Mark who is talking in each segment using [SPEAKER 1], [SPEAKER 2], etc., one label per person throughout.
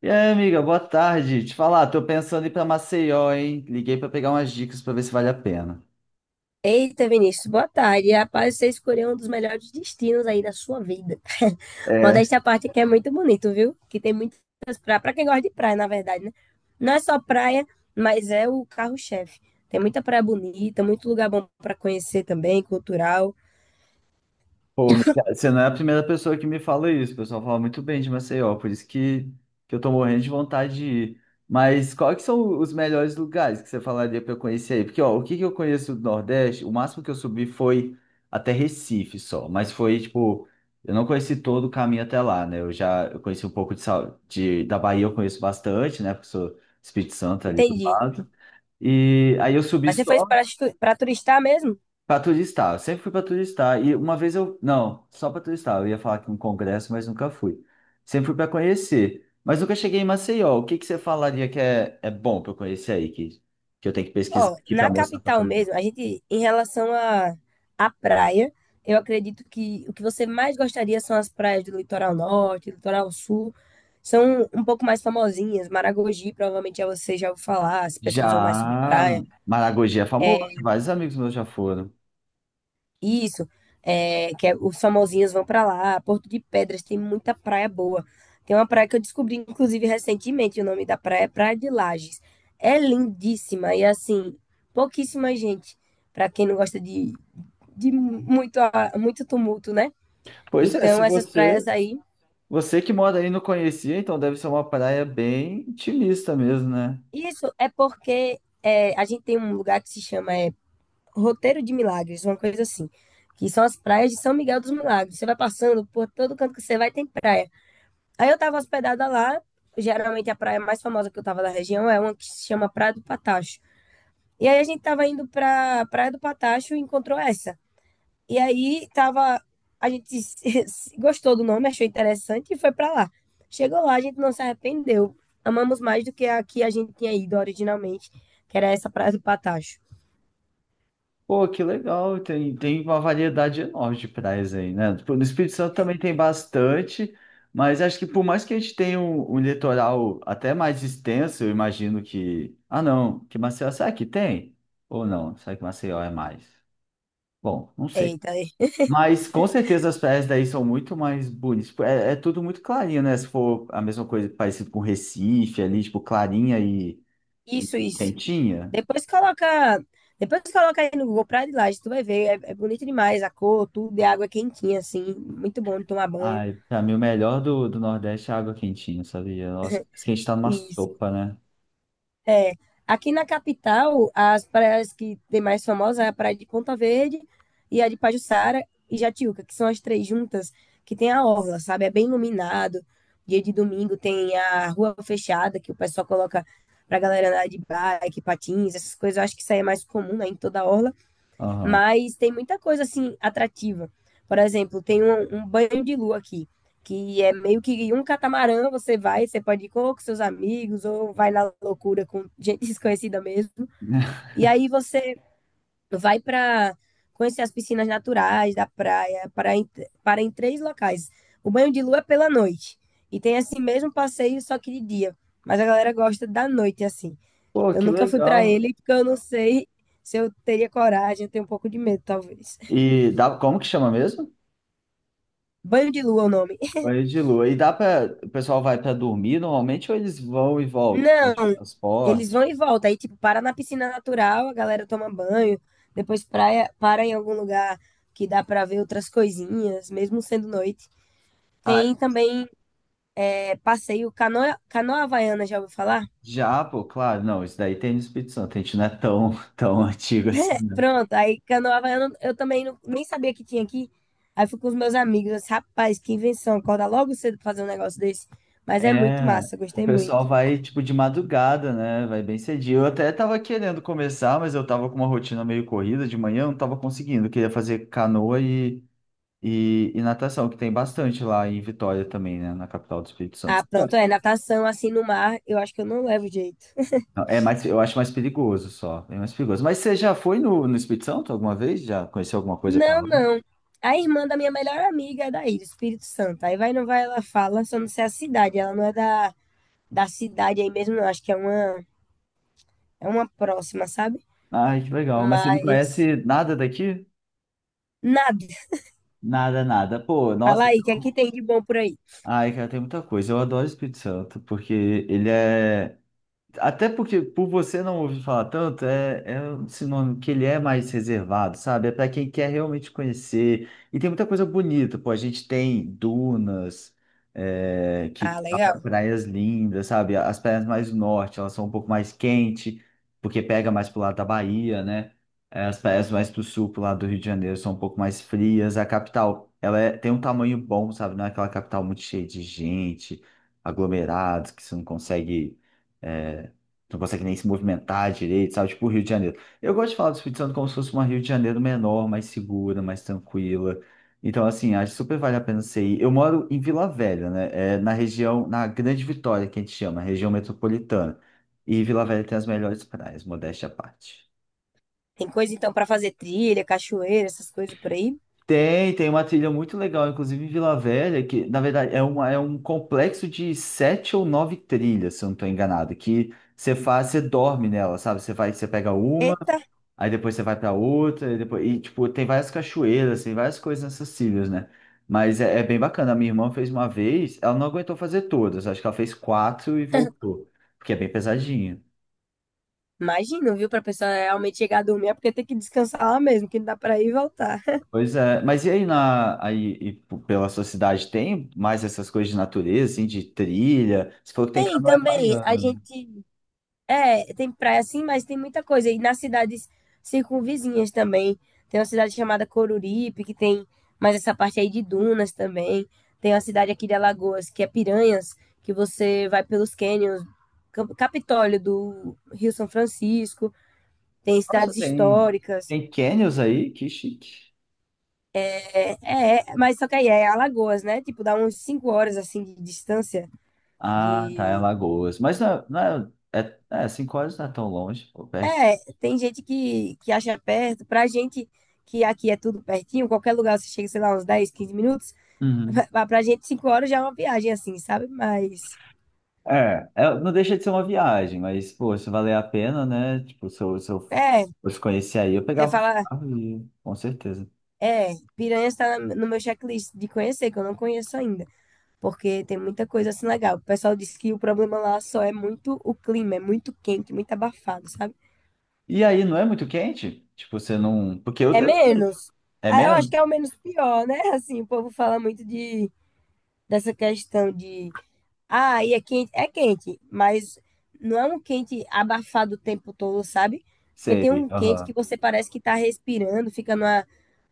[SPEAKER 1] E aí, amiga, boa tarde. Te falar, tô pensando em ir pra Maceió, hein? Liguei pra pegar umas dicas pra ver se vale a pena.
[SPEAKER 2] Eita, Vinícius, boa tarde. Rapaz, você escolheu um dos melhores destinos aí da sua vida. Modéstia à parte, que é muito bonito, viu? Que tem muitas praias. Pra quem gosta de praia, na verdade, né? Não é só praia, mas é o carro-chefe. Tem muita praia bonita, muito lugar bom pra conhecer também, cultural.
[SPEAKER 1] Pô, Michel, você não é a primeira pessoa que me fala isso. O pessoal fala muito bem de Maceió, por isso que eu tô morrendo de vontade de ir. Mas quais que são os melhores lugares que você falaria para eu conhecer aí? Porque, ó, o que que eu conheço do Nordeste, o máximo que eu subi foi até Recife só, mas foi, tipo, eu não conheci todo o caminho até lá, né? Eu conheci um pouco de, da Bahia, eu conheço bastante, né? Porque sou Espírito Santo ali do
[SPEAKER 2] Entendi.
[SPEAKER 1] lado. E aí eu subi
[SPEAKER 2] Mas você foi
[SPEAKER 1] só.
[SPEAKER 2] para turistar mesmo?
[SPEAKER 1] Pra turistar, eu sempre fui pra turistar. E uma vez eu. Não, só pra turistar. Eu ia falar que um congresso, mas nunca fui. Sempre fui pra conhecer. Mas nunca cheguei em Maceió. O que que você falaria que é bom pra eu conhecer aí? Que eu tenho que pesquisar
[SPEAKER 2] Ó,
[SPEAKER 1] aqui pra
[SPEAKER 2] na
[SPEAKER 1] mostrar pra
[SPEAKER 2] capital
[SPEAKER 1] todo mundo.
[SPEAKER 2] mesmo, a gente, em relação à praia, eu acredito que o que você mais gostaria são as praias do litoral norte, litoral sul, são um pouco mais famosinhas. Maragogi, provavelmente já você já ouviu falar, se pesquisou mais sobre
[SPEAKER 1] Já.
[SPEAKER 2] praia.
[SPEAKER 1] Maragogi é famoso, vários amigos meus já foram.
[SPEAKER 2] Isso, é, os famosinhos vão pra lá. Porto de Pedras tem muita praia boa. Tem uma praia que eu descobri, inclusive, recentemente. O nome da praia é Praia de Lages. É lindíssima e, assim, pouquíssima gente. Pra quem não gosta de muito tumulto, né?
[SPEAKER 1] Pois é, se
[SPEAKER 2] Então, essas
[SPEAKER 1] você.
[SPEAKER 2] praias aí.
[SPEAKER 1] Você que mora aí não conhecia, então deve ser uma praia bem intimista mesmo, né?
[SPEAKER 2] Isso é porque é, a gente tem um lugar que se chama é, Roteiro de Milagres, uma coisa assim. Que são as praias de São Miguel dos Milagres. Você vai passando por todo canto que você vai, tem praia. Aí eu tava hospedada lá, geralmente a praia mais famosa que eu tava da região é uma que se chama Praia do Patacho. E aí a gente tava indo pra Praia do Patacho e encontrou essa. E aí tava, a gente gostou do nome, achou interessante e foi pra lá. Chegou lá, a gente não se arrependeu. Amamos mais do que a gente tinha ido originalmente, que era essa Praia do Patacho.
[SPEAKER 1] Pô, que legal, tem uma variedade enorme de praias aí, né? Tipo, no Espírito Santo também tem bastante, mas acho que por mais que a gente tenha um litoral até mais extenso, eu imagino que. Ah, não, que Maceió, será que tem? Ou não? Será que Maceió é mais? Bom, não sei.
[SPEAKER 2] Eita,
[SPEAKER 1] Mas com certeza as praias daí são muito mais bonitas. Tipo, é, é tudo muito clarinho, né? Se for a mesma coisa parecido com Recife ali, tipo, clarinha e
[SPEAKER 2] isso, isso.
[SPEAKER 1] quentinha.
[SPEAKER 2] Depois coloca, depois coloca aí no Google Praia de Laje, tu vai ver, é, é bonito demais a cor, tudo, e a água é quentinha assim, muito bom de tomar banho.
[SPEAKER 1] Ai, pra mim o melhor do Nordeste é água quentinha, sabia? Nossa, parece que a gente tá numa
[SPEAKER 2] Isso.
[SPEAKER 1] sopa, né?
[SPEAKER 2] É, aqui na capital, as praias que tem mais famosas é a praia de Ponta Verde e a de Pajuçara e Jatiuca, que são as três juntas que tem a orla, sabe? É bem iluminado. Dia de domingo tem a rua fechada que o pessoal coloca pra galera andar de bike, patins, essas coisas. Eu acho que isso aí é mais comum, né, em toda a orla.
[SPEAKER 1] Aham.
[SPEAKER 2] Mas tem muita coisa assim atrativa. Por exemplo, tem um, um banho de lua aqui, que é meio que um catamarã, você vai, você pode ir ou com seus amigos, ou vai na loucura com gente desconhecida mesmo. E aí você vai para conhecer as piscinas naturais da praia, para em três locais. O banho de lua é pela noite. E tem esse mesmo passeio, só que de dia. Mas a galera gosta da noite, assim.
[SPEAKER 1] Pô,
[SPEAKER 2] Eu
[SPEAKER 1] que
[SPEAKER 2] nunca fui para
[SPEAKER 1] legal.
[SPEAKER 2] ele, porque eu não sei se eu teria coragem, eu tenho um pouco de medo, talvez.
[SPEAKER 1] E dá, como que chama mesmo?
[SPEAKER 2] Banho de lua é o nome.
[SPEAKER 1] Banho de lua. E dá pra. O pessoal vai pra dormir normalmente ou eles vão e voltam? Tem
[SPEAKER 2] Não,
[SPEAKER 1] tipo
[SPEAKER 2] eles
[SPEAKER 1] transporte?
[SPEAKER 2] vão e voltam. Aí, tipo, para na piscina natural, a galera toma banho, depois praia, para em algum lugar que dá para ver outras coisinhas, mesmo sendo noite.
[SPEAKER 1] Ah,
[SPEAKER 2] Tem também é, passeio canoa, canoa havaiana, já ouviu falar?
[SPEAKER 1] já, pô, claro. Não, isso daí tem no Espírito Santo. A gente não é tão, tão antigo assim.
[SPEAKER 2] Pronto, aí canoa havaiana eu também nem sabia que tinha aqui. Aí fui com os meus amigos, eu disse, rapaz, que invenção, acorda logo cedo pra fazer um negócio desse. Mas é muito
[SPEAKER 1] É,
[SPEAKER 2] massa,
[SPEAKER 1] o
[SPEAKER 2] gostei muito.
[SPEAKER 1] pessoal vai tipo de madrugada, né? Vai bem cedinho. Eu até tava querendo começar, mas eu tava com uma rotina meio corrida de manhã, eu não tava conseguindo. Eu queria fazer canoa e natação, que tem bastante lá em Vitória também, né? Na capital do Espírito
[SPEAKER 2] Ah,
[SPEAKER 1] Santo.
[SPEAKER 2] pronto, é natação assim no mar, eu acho que eu não levo jeito.
[SPEAKER 1] Não, é mais, eu acho mais perigoso só, é mais perigoso. Mas você já foi no Espírito Santo alguma vez? Já conheceu alguma coisa pra
[SPEAKER 2] Não,
[SPEAKER 1] lá?
[SPEAKER 2] não. A irmã da minha melhor amiga é daí, do Espírito Santo. Aí vai, não vai, ela fala, só não sei a cidade. Ela não é da, da cidade aí mesmo, não. Acho que é uma próxima, sabe?
[SPEAKER 1] Ai, que legal. Mas você não
[SPEAKER 2] Mas
[SPEAKER 1] conhece nada daqui?
[SPEAKER 2] nada.
[SPEAKER 1] Nada, nada. Pô,
[SPEAKER 2] Fala
[SPEAKER 1] nossa.
[SPEAKER 2] aí, o que é
[SPEAKER 1] Então,
[SPEAKER 2] que tem de bom por aí?
[SPEAKER 1] ai, cara, tem muita coisa. Eu adoro o Espírito Santo, porque ele é. Até porque, por você não ouvir falar tanto, é um sinônimo que ele é mais reservado, sabe? É para quem quer realmente conhecer. E tem muita coisa bonita, pô. A gente tem dunas, é, que
[SPEAKER 2] Ah,
[SPEAKER 1] dá pra
[SPEAKER 2] legal.
[SPEAKER 1] praias lindas, sabe? As praias mais do norte, elas são um pouco mais quentes, porque pega mais pro lado da Bahia, né? É, as praias mais pro sul, pro lado do Rio de Janeiro, são um pouco mais frias. A capital, ela é- tem um tamanho bom, sabe? Não é aquela capital muito cheia de gente, aglomerados, que você não consegue. É, não consegue nem se movimentar direito, sabe? Tipo o Rio de Janeiro. Eu gosto de falar do Espírito Santo como se fosse uma Rio de Janeiro menor, mais segura, mais tranquila. Então, assim, acho que super vale a pena você ir. Eu moro em Vila Velha, né? É na região, na Grande Vitória, que a gente chama, região metropolitana. E Vila Velha tem as melhores praias, modéstia à parte.
[SPEAKER 2] Tem coisa então pra fazer trilha, cachoeira, essas coisas por aí.
[SPEAKER 1] Tem, tem uma trilha muito legal, inclusive em Vila Velha, que na verdade é, uma, é um complexo de sete ou nove trilhas, se eu não estou enganado, que você faz, você dorme nela, sabe? Você vai, você pega uma.
[SPEAKER 2] Eita,
[SPEAKER 1] Aí depois você vai pra outra, e, depois e tipo, tem várias cachoeiras, tem várias coisas acessíveis, né? Mas é bem bacana. A minha irmã fez uma vez, ela não aguentou fazer todas, acho que ela fez quatro e voltou, porque é bem pesadinha.
[SPEAKER 2] imagino, viu? Pra pessoa realmente chegar a dormir, é porque tem que descansar lá mesmo, que não dá pra ir e voltar.
[SPEAKER 1] Pois é, mas e aí, na, aí e pela sua cidade tem mais essas coisas de natureza, assim, de trilha? Você falou que tem
[SPEAKER 2] Tem
[SPEAKER 1] canoa
[SPEAKER 2] também,
[SPEAKER 1] havaiana,
[SPEAKER 2] a
[SPEAKER 1] né?
[SPEAKER 2] gente É, tem praia sim, mas tem muita coisa. E nas cidades circunvizinhas também. Tem uma cidade chamada Coruripe, que tem mais essa parte aí de dunas também. Tem uma cidade aqui de Alagoas, que é Piranhas, que você vai pelos cânions, Capitólio do Rio São Francisco. Tem
[SPEAKER 1] Nossa,
[SPEAKER 2] cidades
[SPEAKER 1] tem,
[SPEAKER 2] históricas.
[SPEAKER 1] tem canyons aí? Que chique.
[SPEAKER 2] É, é, é, mas só que aí é Alagoas, né? Tipo, dá uns 5 horas assim de distância
[SPEAKER 1] Ah, tá, é
[SPEAKER 2] de
[SPEAKER 1] Lagoas. Mas não, é, não é, é, é, 5 horas não é tão longe, ou perto.
[SPEAKER 2] É, tem gente que acha perto. Pra gente, que aqui é tudo pertinho, qualquer lugar você chega, sei lá, uns 10, 15 minutos.
[SPEAKER 1] Uhum.
[SPEAKER 2] Pra gente, 5 horas já é uma viagem, assim, sabe? Mas,
[SPEAKER 1] É, é, não deixa de ser uma viagem, mas, pô, se valer a pena, né? Tipo, se eu
[SPEAKER 2] é,
[SPEAKER 1] fosse conhecer aí, eu
[SPEAKER 2] você
[SPEAKER 1] pegava o
[SPEAKER 2] fala,
[SPEAKER 1] carro e ia, com certeza.
[SPEAKER 2] é, Piranha está no meu checklist de conhecer, que eu não conheço ainda. Porque tem muita coisa assim legal. O pessoal diz que o problema lá só é muito o clima, é muito quente, muito abafado, sabe?
[SPEAKER 1] E aí, não é muito quente? Tipo, você não. Porque eu,
[SPEAKER 2] É
[SPEAKER 1] eu também.
[SPEAKER 2] menos.
[SPEAKER 1] É
[SPEAKER 2] Ah, eu acho que
[SPEAKER 1] mesmo?
[SPEAKER 2] é o menos pior, né? Assim, o povo fala muito de, dessa questão de Ah, e é quente, mas não é um quente abafado o tempo todo, sabe? Porque tem
[SPEAKER 1] Sei.
[SPEAKER 2] um quente que
[SPEAKER 1] Aham.
[SPEAKER 2] você parece que tá respirando, fica numa,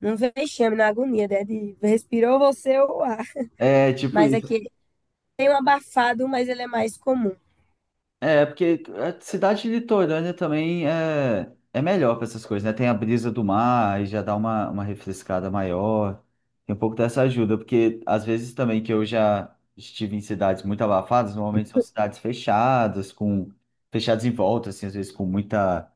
[SPEAKER 2] num vexame, na agonia, né? De respirou você ou o ar.
[SPEAKER 1] É, tipo.
[SPEAKER 2] Mas aqui tem um abafado, mas ele é mais comum.
[SPEAKER 1] É, porque a cidade litorânea também é melhor para essas coisas, né? Tem a brisa do mar e já dá uma refrescada maior. Tem um pouco dessa ajuda, porque às vezes também que eu já estive em cidades muito abafadas, normalmente são cidades fechadas, com fechadas em volta, assim, às vezes com muita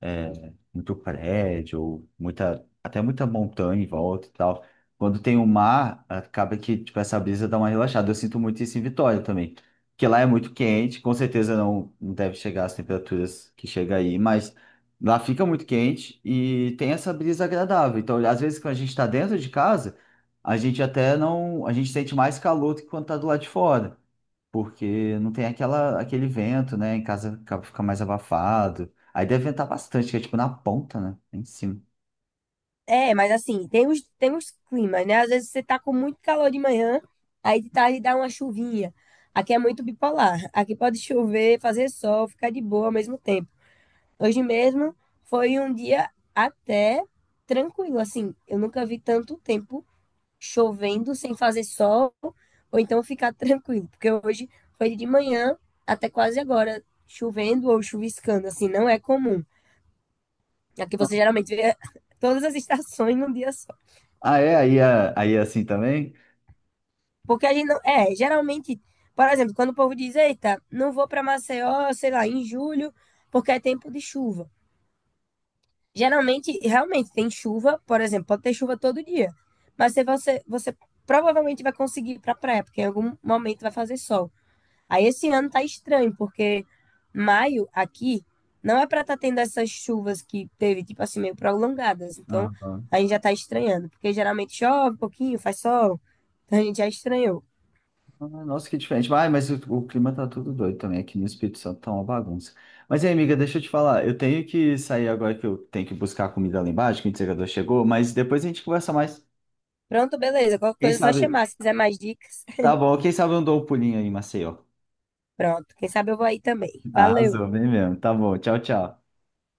[SPEAKER 1] muito prédio, muita, até muita montanha em volta e tal. Quando tem o mar, acaba que tipo, essa brisa dá uma relaxada. Eu sinto muito isso em Vitória também, porque lá é muito quente, com certeza não deve chegar às temperaturas que chega aí, mas lá fica muito quente e tem essa brisa agradável. Então, às vezes, quando a gente está dentro de casa, a gente até não, a gente sente mais calor do que quando está do lado de fora, porque não tem aquela, aquele vento, né? Em casa acaba- fica mais abafado. Aí deve ventar bastante, que é tipo na ponta, né? Em cima.
[SPEAKER 2] É, mas assim, tem os climas, né? Às vezes você tá com muito calor de manhã, aí de tarde dá uma chuvinha. Aqui é muito bipolar. Aqui pode chover, fazer sol, ficar de boa ao mesmo tempo. Hoje mesmo foi um dia até tranquilo, assim. Eu nunca vi tanto tempo chovendo sem fazer sol ou então ficar tranquilo, porque hoje foi de manhã até quase agora chovendo ou chuviscando, assim, não é comum. Aqui você geralmente vê todas as estações num dia só.
[SPEAKER 1] Ah, é? Aí é, aí é assim também?
[SPEAKER 2] Porque a gente não. É, geralmente, por exemplo, quando o povo diz, eita, não vou para Maceió, sei lá, em julho, porque é tempo de chuva. Geralmente, realmente, tem chuva, por exemplo, pode ter chuva todo dia. Mas se você, você provavelmente vai conseguir ir pra praia, porque em algum momento vai fazer sol. Aí esse ano tá estranho, porque maio aqui não é para estar tendo essas chuvas que teve, tipo assim, meio prolongadas. Então,
[SPEAKER 1] Aham.
[SPEAKER 2] a gente já tá estranhando, porque geralmente chove um pouquinho, faz sol. Então a gente já estranhou.
[SPEAKER 1] Ah, nossa, que diferente. Ah, mas o clima tá tudo doido também. Aqui no Espírito Santo tá uma bagunça. Mas aí, amiga, deixa eu te falar. Eu tenho que sair agora que eu tenho que buscar a comida lá embaixo, que o entregador chegou, mas depois a gente conversa mais.
[SPEAKER 2] Pronto, beleza. Qualquer
[SPEAKER 1] Quem
[SPEAKER 2] coisa é só
[SPEAKER 1] sabe?
[SPEAKER 2] chamar. Se quiser mais dicas,
[SPEAKER 1] Tá bom, quem sabe eu dou um pulinho aí em Maceió.
[SPEAKER 2] pronto. Quem sabe eu vou aí também. Valeu.
[SPEAKER 1] Arrasou, bem mesmo. Tá bom, tchau, tchau.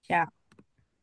[SPEAKER 2] Tchau.